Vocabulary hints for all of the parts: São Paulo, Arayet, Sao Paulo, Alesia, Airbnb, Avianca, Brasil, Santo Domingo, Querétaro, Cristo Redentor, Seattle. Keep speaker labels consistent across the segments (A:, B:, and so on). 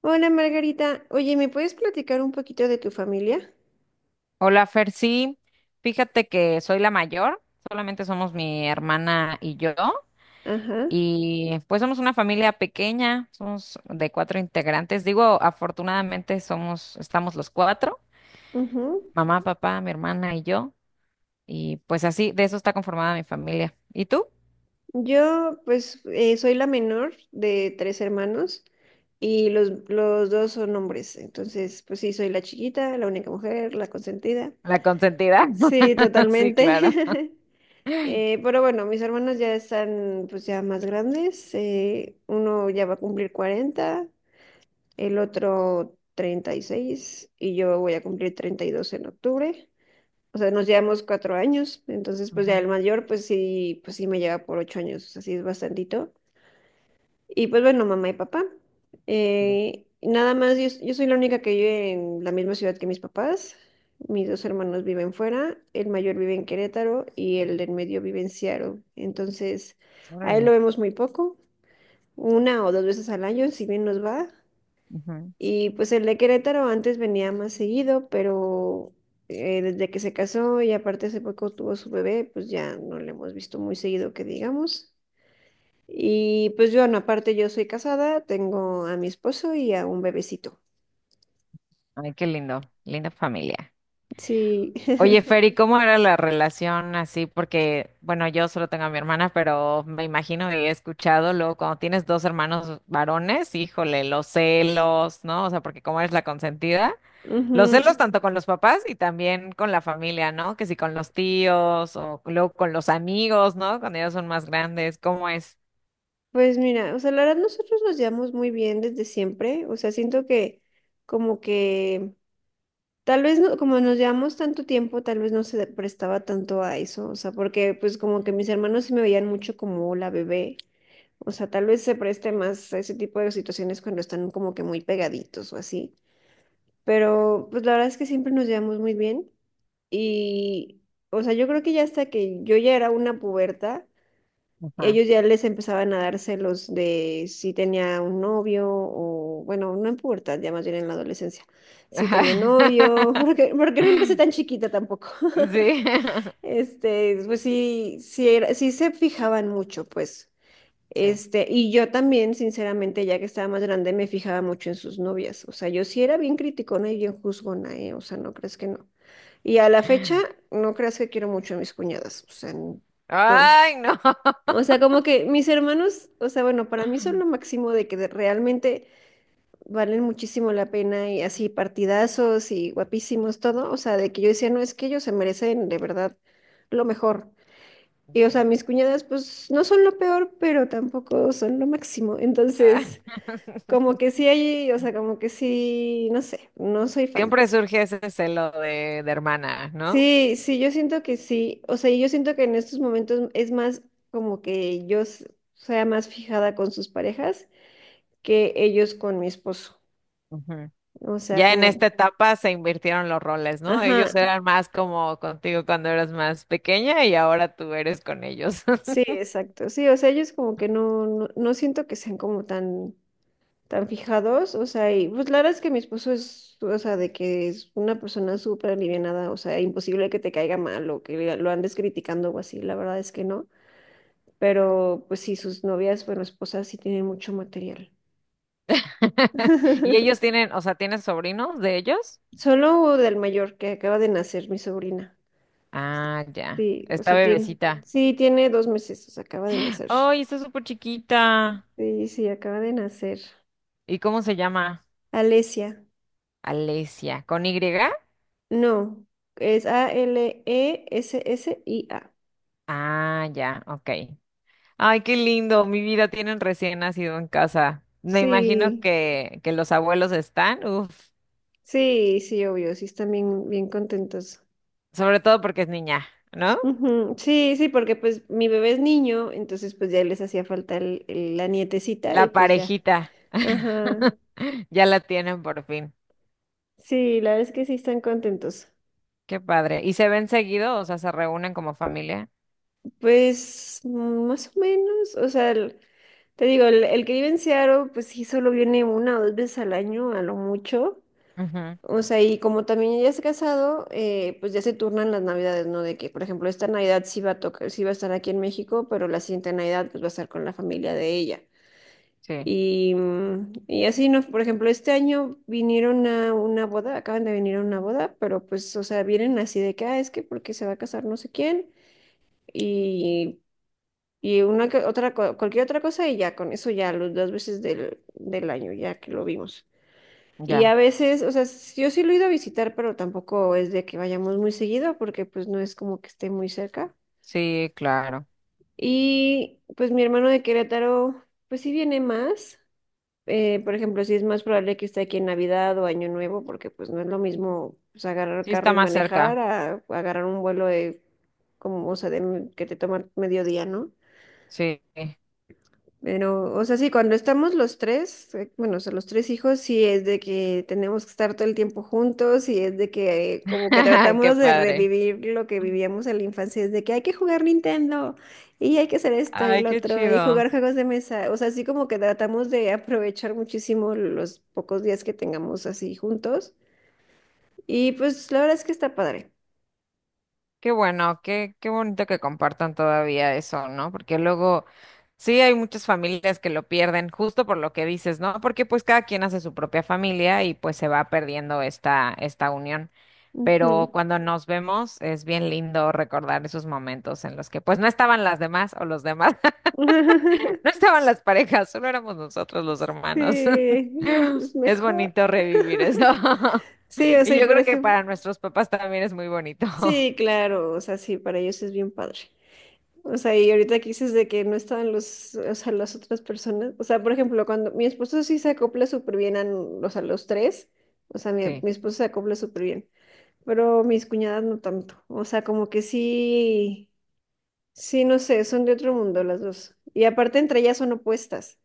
A: Hola Margarita, oye, ¿me puedes platicar un poquito de tu familia?
B: Hola, Fer, sí, fíjate que soy la mayor, solamente somos mi hermana y yo,
A: Ajá,
B: y pues somos una familia pequeña, somos de cuatro integrantes. Digo, afortunadamente somos, estamos los cuatro,
A: ujú.
B: mamá, papá, mi hermana y yo, y pues así, de eso está conformada mi familia. ¿Y tú?
A: Yo pues soy la menor de tres hermanos y los dos son hombres, entonces pues sí, soy la chiquita, la única mujer, la consentida.
B: La consentida.
A: Sí,
B: Sí,
A: totalmente.
B: claro.
A: Pero bueno, mis hermanos ya están pues ya más grandes, uno ya va a cumplir 40, el otro 36 y yo voy a cumplir 32 en octubre. O sea, nos llevamos 4 años, entonces pues ya el
B: Ujú.
A: mayor pues sí me lleva por 8 años, o sea, sí es bastantito. Y pues bueno, mamá y papá. Nada más, yo soy la única que vive en la misma ciudad que mis papás. Mis dos hermanos viven fuera, el mayor vive en Querétaro y el del medio vive en Seattle. Entonces, a él
B: Órale.
A: lo vemos muy poco, una o dos veces al año, si bien nos va.
B: Ujú.
A: Y pues el de Querétaro antes venía más seguido, pero desde que se casó y aparte hace poco tuvo su bebé, pues ya no le hemos visto muy seguido que digamos. Y pues yo, no, aparte yo soy casada, tengo a mi esposo y a un bebecito.
B: Ay, qué lindo, linda familia.
A: Sí.
B: Oye, Fer, ¿y cómo era la relación así? Porque, bueno, yo solo tengo a mi hermana, pero me imagino y he escuchado luego cuando tienes dos hermanos varones, híjole, los celos, ¿no? O sea, porque como eres la consentida, los
A: Ujú.
B: celos tanto con los papás y también con la familia, ¿no? Que si con los tíos o luego con los amigos, ¿no? Cuando ellos son más grandes, ¿cómo es?
A: Pues mira, o sea, la verdad nosotros nos llevamos muy bien desde siempre, o sea, siento que como que Tal vez no- como nos llevamos tanto tiempo, tal vez no se prestaba tanto a eso, o sea, porque pues como que mis hermanos sí me veían mucho como la bebé, o sea, tal vez se preste más a ese tipo de situaciones cuando están como que muy pegaditos o así, pero pues la verdad es que siempre nos llevamos muy bien y, o sea, yo creo que ya hasta que yo ya era una puberta,
B: Ajá.
A: ellos ya les empezaban a dar celos de si tenía un novio o, bueno, no en pubertad, ya más bien en la adolescencia, si tenía novio, porque no empecé tan chiquita tampoco.
B: Sí.
A: Pues sí, sí, sí se fijaban mucho, pues.
B: Sí.
A: Y yo también, sinceramente, ya que estaba más grande, me fijaba mucho en sus novias. O sea, yo sí era bien criticona y bien juzgona, ¿eh? O sea, no crees que no. Y a la fecha, no creas que quiero mucho a mis cuñadas. O sea, no.
B: Ay, no.
A: O sea, como que mis hermanos, o sea, bueno, para mí son lo máximo de que realmente valen muchísimo la pena y así partidazos y guapísimos todo, o sea, de que yo decía, no, es que ellos se merecen de verdad lo mejor. Y o sea,
B: Sí.
A: mis cuñadas pues no son lo peor, pero tampoco son lo máximo.
B: Ah,
A: Entonces, como que sí hay, o sea, como que sí, no sé, no soy fan.
B: Siempre surge ese celo de hermana, ¿no?
A: Sí, sí, yo siento que sí, o sea, y yo siento que en estos momentos es más como que yo sea más fijada con sus parejas que ellos con mi esposo.
B: Ujú.
A: O sea,
B: Ya en esta
A: como,
B: etapa se invirtieron los roles, ¿no? Ellos
A: ajá,
B: eran más como contigo cuando eras más pequeña y ahora tú eres con ellos.
A: sí, exacto. Sí, o sea, ellos como que no siento que sean como tan fijados. O sea, y pues la verdad es que mi esposo es, o sea, de que es una persona súper alivianada, o sea, imposible que te caiga mal o que lo andes criticando o así, la verdad es que no. Pero pues sí, sus novias, bueno, esposas sí tienen mucho material.
B: Y ellos tienen, o sea, ¿tienes sobrinos de ellos?
A: Solo del mayor que acaba de nacer, mi sobrina.
B: Ah, ya.
A: Sí, o
B: Esta
A: sea, tiene,
B: bebecita.
A: sí, tiene 2 meses, o sea, acaba de nacer.
B: Ay, está súper chiquita.
A: Sí, sí, acaba de nacer.
B: ¿Y cómo se llama?
A: Alesia.
B: Alesia. ¿Con Y?
A: No, es Alessia.
B: Ah, ya, ok. Ay, qué lindo, mi vida tienen recién nacido en casa. Me imagino
A: Sí,
B: que los abuelos están, uf,
A: sí, sí, obvio, sí están bien, bien contentos.
B: sobre todo porque es niña, ¿no?
A: Ujú, sí, sí, porque pues mi bebé es niño, entonces pues ya les hacía falta la nietecita
B: La
A: y pues ya.
B: parejita.
A: Ajá.
B: Ya la tienen por fin.
A: Sí, la verdad es que sí están contentos.
B: Qué padre. ¿Y se ven seguido? O sea, se reúnen como familia.
A: Pues mm, más o menos, o sea, te digo, el que vive en Seattle, pues sí, solo viene una o dos veces al año, a lo mucho.
B: Ujú,
A: O sea, y como también ya es casado, pues ya se turnan las navidades, ¿no? De que, por ejemplo, esta Navidad sí va a tocar, sí va a estar aquí en México, pero la siguiente Navidad pues va a estar con la familia de ella.
B: sí,
A: Y así, ¿no? Por ejemplo, este año vinieron a una boda, acaban de venir a una boda, pero pues, o sea, vienen así de que, ah, es que porque se va a casar no sé quién, y, y una otra, cualquier otra cosa, y ya con eso ya, las dos veces del año, ya que lo vimos. Y a
B: ya.
A: veces, o sea, yo sí lo he ido a visitar, pero tampoco es de que vayamos muy seguido, porque pues no es como que esté muy cerca.
B: Sí, claro.
A: Y pues mi hermano de Querétaro, pues sí viene más. Por ejemplo, sí es más probable que esté aquí en Navidad o Año Nuevo, porque pues no es lo mismo pues, agarrar
B: Sí,
A: carro
B: está
A: y
B: más cerca.
A: manejar a agarrar un vuelo de, como, o sea, de, que te toma mediodía, ¿no?
B: Sí.
A: Pero, o sea, sí, cuando estamos los tres, bueno, o sea, los tres hijos, sí es de que tenemos que estar todo el tiempo juntos y es de que como que
B: Ay, qué
A: tratamos de
B: padre.
A: revivir lo que vivíamos en la infancia, es de que hay que jugar Nintendo y hay que hacer esto y
B: Ay,
A: lo
B: qué
A: otro y
B: chido.
A: jugar juegos de mesa, o sea, así como que tratamos de aprovechar muchísimo los pocos días que tengamos así juntos y pues la verdad es que está padre.
B: Qué bueno, qué, qué bonito que compartan todavía eso, ¿no? Porque luego sí hay muchas familias que lo pierden justo por lo que dices, ¿no? Porque pues cada quien hace su propia familia y pues se va perdiendo esta, esta unión. Pero
A: Ujú.
B: cuando nos vemos es bien lindo recordar esos momentos en los que pues no estaban las demás o los demás, no estaban las parejas, solo éramos nosotros los
A: Sí,
B: hermanos.
A: es
B: Es
A: mejor.
B: bonito revivir eso.
A: Sí, o
B: Y
A: sea, y
B: yo
A: por
B: creo que
A: ejemplo,
B: para nuestros papás también es muy bonito.
A: sí, claro, o sea, sí, para ellos es bien padre. O sea, y ahorita que dices de que no estaban los, o sea, las otras personas, o sea, por ejemplo, cuando mi esposo sí se acopla súper bien a, o sea, los tres, o sea, mi,
B: Sí.
A: mi esposo se acopla súper bien, pero mis cuñadas no tanto, o sea, como que sí, sí, no sé, son de otro mundo las dos. Y aparte entre ellas son opuestas,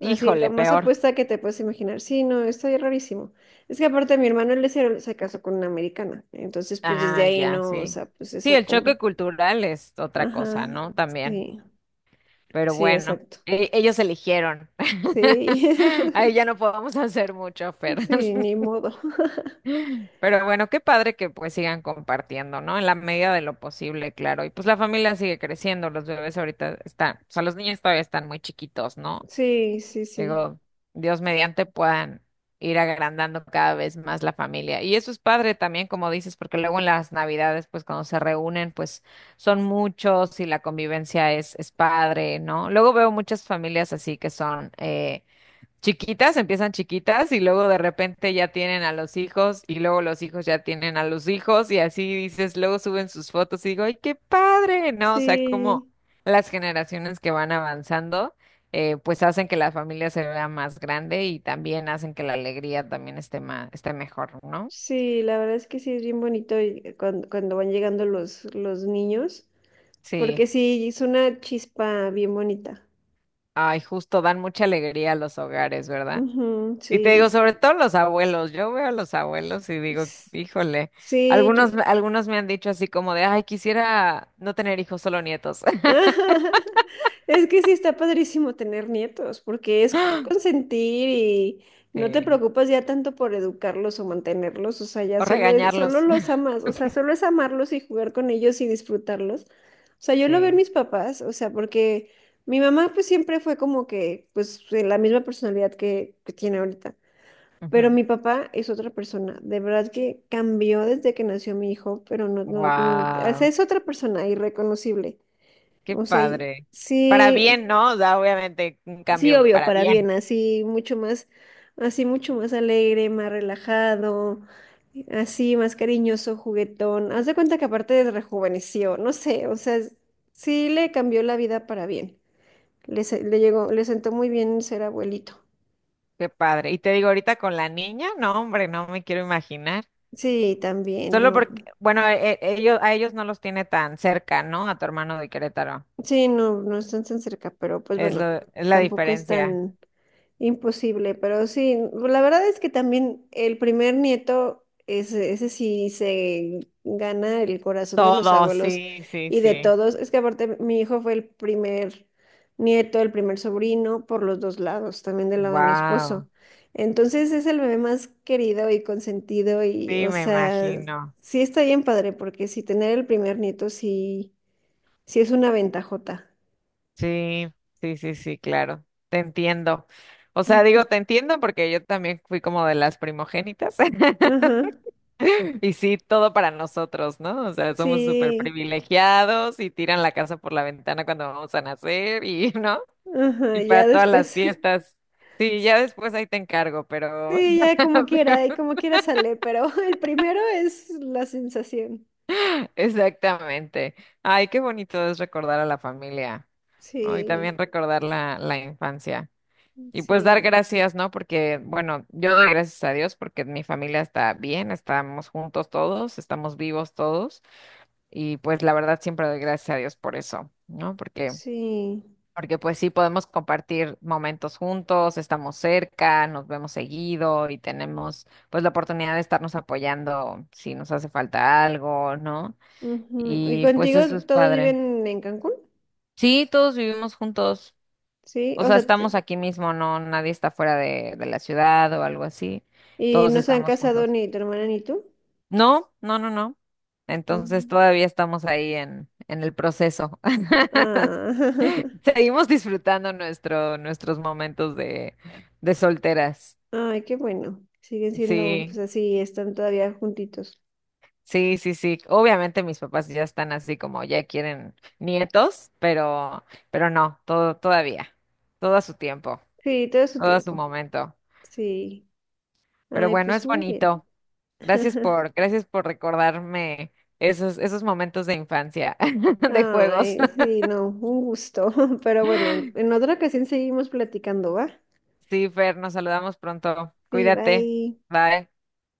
A: así, lo más
B: peor.
A: opuesta que te puedes imaginar, sí, no, está bien rarísimo. Es que aparte mi hermano él se casó con una americana, entonces pues desde
B: Ah,
A: ahí
B: ya,
A: no, o
B: sí.
A: sea, pues
B: Sí,
A: eso
B: el
A: como
B: choque cultural es otra cosa,
A: ajá,
B: ¿no? También.
A: sí,
B: Pero
A: sí,
B: bueno,
A: exacto.
B: ellos eligieron.
A: Sí,
B: Ahí ya no podemos hacer mucho, Fer.
A: sí, ni modo.
B: Pero bueno, qué padre que pues sigan compartiendo, ¿no? En la medida de lo posible, claro. Y pues la familia sigue creciendo, los bebés ahorita están, o sea, los niños todavía están muy chiquitos, ¿no?
A: Sí, sí, sí.
B: Digo, Dios mediante puedan ir agrandando cada vez más la familia. Y eso es padre también, como dices, porque luego en las navidades, pues cuando se reúnen, pues son muchos y la convivencia es padre, ¿no? Luego veo muchas familias así que son, chiquitas, empiezan chiquitas y luego de repente ya tienen a los hijos y luego los hijos ya tienen a los hijos y así dices, luego suben sus fotos y digo, ¡ay, qué padre! No, o sea, como
A: Sí,
B: las generaciones que van avanzando, pues hacen que la familia se vea más grande y también hacen que la alegría también esté más, esté mejor, ¿no?
A: sí, la verdad es que sí es bien bonito y cuando van llegando los niños,
B: Sí.
A: porque sí, es una chispa bien bonita.
B: Ay, justo dan mucha alegría a los hogares, ¿verdad?
A: Ujú,
B: Y te digo,
A: sí.
B: sobre todo los abuelos, yo veo a los abuelos y digo,
A: S-
B: híjole,
A: Sí,
B: algunos, algunos me han dicho así como de, ay, quisiera no tener hijos, solo nietos.
A: Ajá. Es que sí está padrísimo tener nietos, porque es consentir y no te
B: Sí.
A: preocupas ya tanto por educarlos o mantenerlos, o sea, ya
B: O
A: solo es, solo
B: regañarlos.
A: los amas, o sea, solo es amarlos y jugar con ellos y disfrutarlos. O sea, yo lo veo en
B: Sí.
A: mis papás, o sea, porque mi mamá pues siempre fue como que, pues, de la misma personalidad que tiene ahorita. Pero mi papá es otra persona, de verdad que cambió desde que nació mi hijo, pero no, no, o sea,
B: Wow,
A: es otra persona irreconocible.
B: qué
A: O sea,
B: padre. Para
A: sí,
B: bien, ¿no? O sea, obviamente un
A: sí,
B: cambio
A: obvio,
B: para
A: para
B: bien.
A: bien, así mucho más alegre, más relajado, así más cariñoso, juguetón. Haz de cuenta que aparte rejuveneció, no sé, o sea, sí le cambió la vida para bien. Le llegó, le sentó muy bien ser abuelito.
B: Qué padre. Y te digo, ahorita con la niña, no, hombre, no me quiero imaginar.
A: Sí, también,
B: Solo
A: no.
B: porque, bueno, ellos, a ellos no los tiene tan cerca, ¿no? A tu hermano de Querétaro.
A: Sí, no, no están tan cerca, pero pues
B: Es lo,
A: bueno,
B: es la
A: tampoco es
B: diferencia.
A: tan. Imposible, pero sí, la verdad es que también el primer nieto, ese sí se gana el corazón de los
B: Todo,
A: abuelos
B: sí, sí,
A: y de
B: sí.
A: todos. Es que aparte mi hijo fue el primer nieto, el primer sobrino por los dos lados, también del lado de mi esposo.
B: Wow.
A: Entonces es el bebé más querido y consentido y,
B: Sí,
A: o
B: me
A: sea,
B: imagino.
A: sí está bien padre porque si tener el primer nieto sí, sí es una ventajota.
B: Sí, sí, sí, sí, claro. Te entiendo. O sea, digo,
A: Ujú.
B: te entiendo porque yo también fui como de las primogénitas.
A: Ajá,
B: Y sí, todo para nosotros, ¿no? O sea, somos súper
A: sí,
B: privilegiados y tiran la casa por la ventana cuando vamos a nacer y, ¿no?
A: ajá,
B: Y para
A: ya
B: todas las
A: después.
B: fiestas. Sí, ya después ahí te encargo, pero,
A: Sí, ya como quiera, y como quiera sale, pero el primero es la sensación.
B: Exactamente. Ay, qué bonito es recordar a la familia, ¿no? Y
A: Sí,
B: también recordar la infancia. Y pues dar
A: sí,
B: gracias, ¿no? Porque, bueno, yo doy gracias a Dios porque mi familia está bien, estamos juntos todos, estamos vivos todos. Y pues la verdad siempre doy gracias a Dios por eso, ¿no? Porque,
A: sí.
B: porque pues sí podemos compartir momentos juntos, estamos cerca, nos vemos seguido y tenemos pues la oportunidad de estarnos apoyando si nos hace falta algo, ¿no?
A: Ujú. ¿Y
B: Y pues
A: contigo
B: eso es
A: todos
B: padre.
A: viven en Cancún?
B: Sí, todos vivimos juntos.
A: Sí,
B: O
A: o
B: sea,
A: sea,
B: estamos aquí mismo, no, nadie está fuera de la ciudad o algo así.
A: y
B: Todos
A: no se han
B: estamos
A: casado
B: juntos.
A: ni tu hermana ni tú.
B: No, no, no, no. Entonces
A: Ujú.
B: todavía estamos ahí en el proceso.
A: Ah,
B: Seguimos disfrutando nuestro, nuestros momentos de solteras.
A: ay, qué bueno. Siguen siendo, pues
B: Sí,
A: así, están todavía juntitos.
B: sí, sí, sí. Obviamente mis papás ya están así como ya quieren nietos, pero no, todo, todavía, todo a su tiempo.
A: Sí, todo su
B: Todo a su
A: tiempo.
B: momento.
A: Sí.
B: Pero
A: Ay,
B: bueno,
A: pues
B: es
A: muy bien.
B: bonito. Gracias por, gracias por recordarme esos, esos momentos de infancia, de juegos.
A: Ay, sí, no, un gusto. Pero bueno, en otra ocasión seguimos platicando, ¿va?
B: Sí, Fer, nos saludamos pronto.
A: Sí,
B: Cuídate.
A: bye.
B: Bye.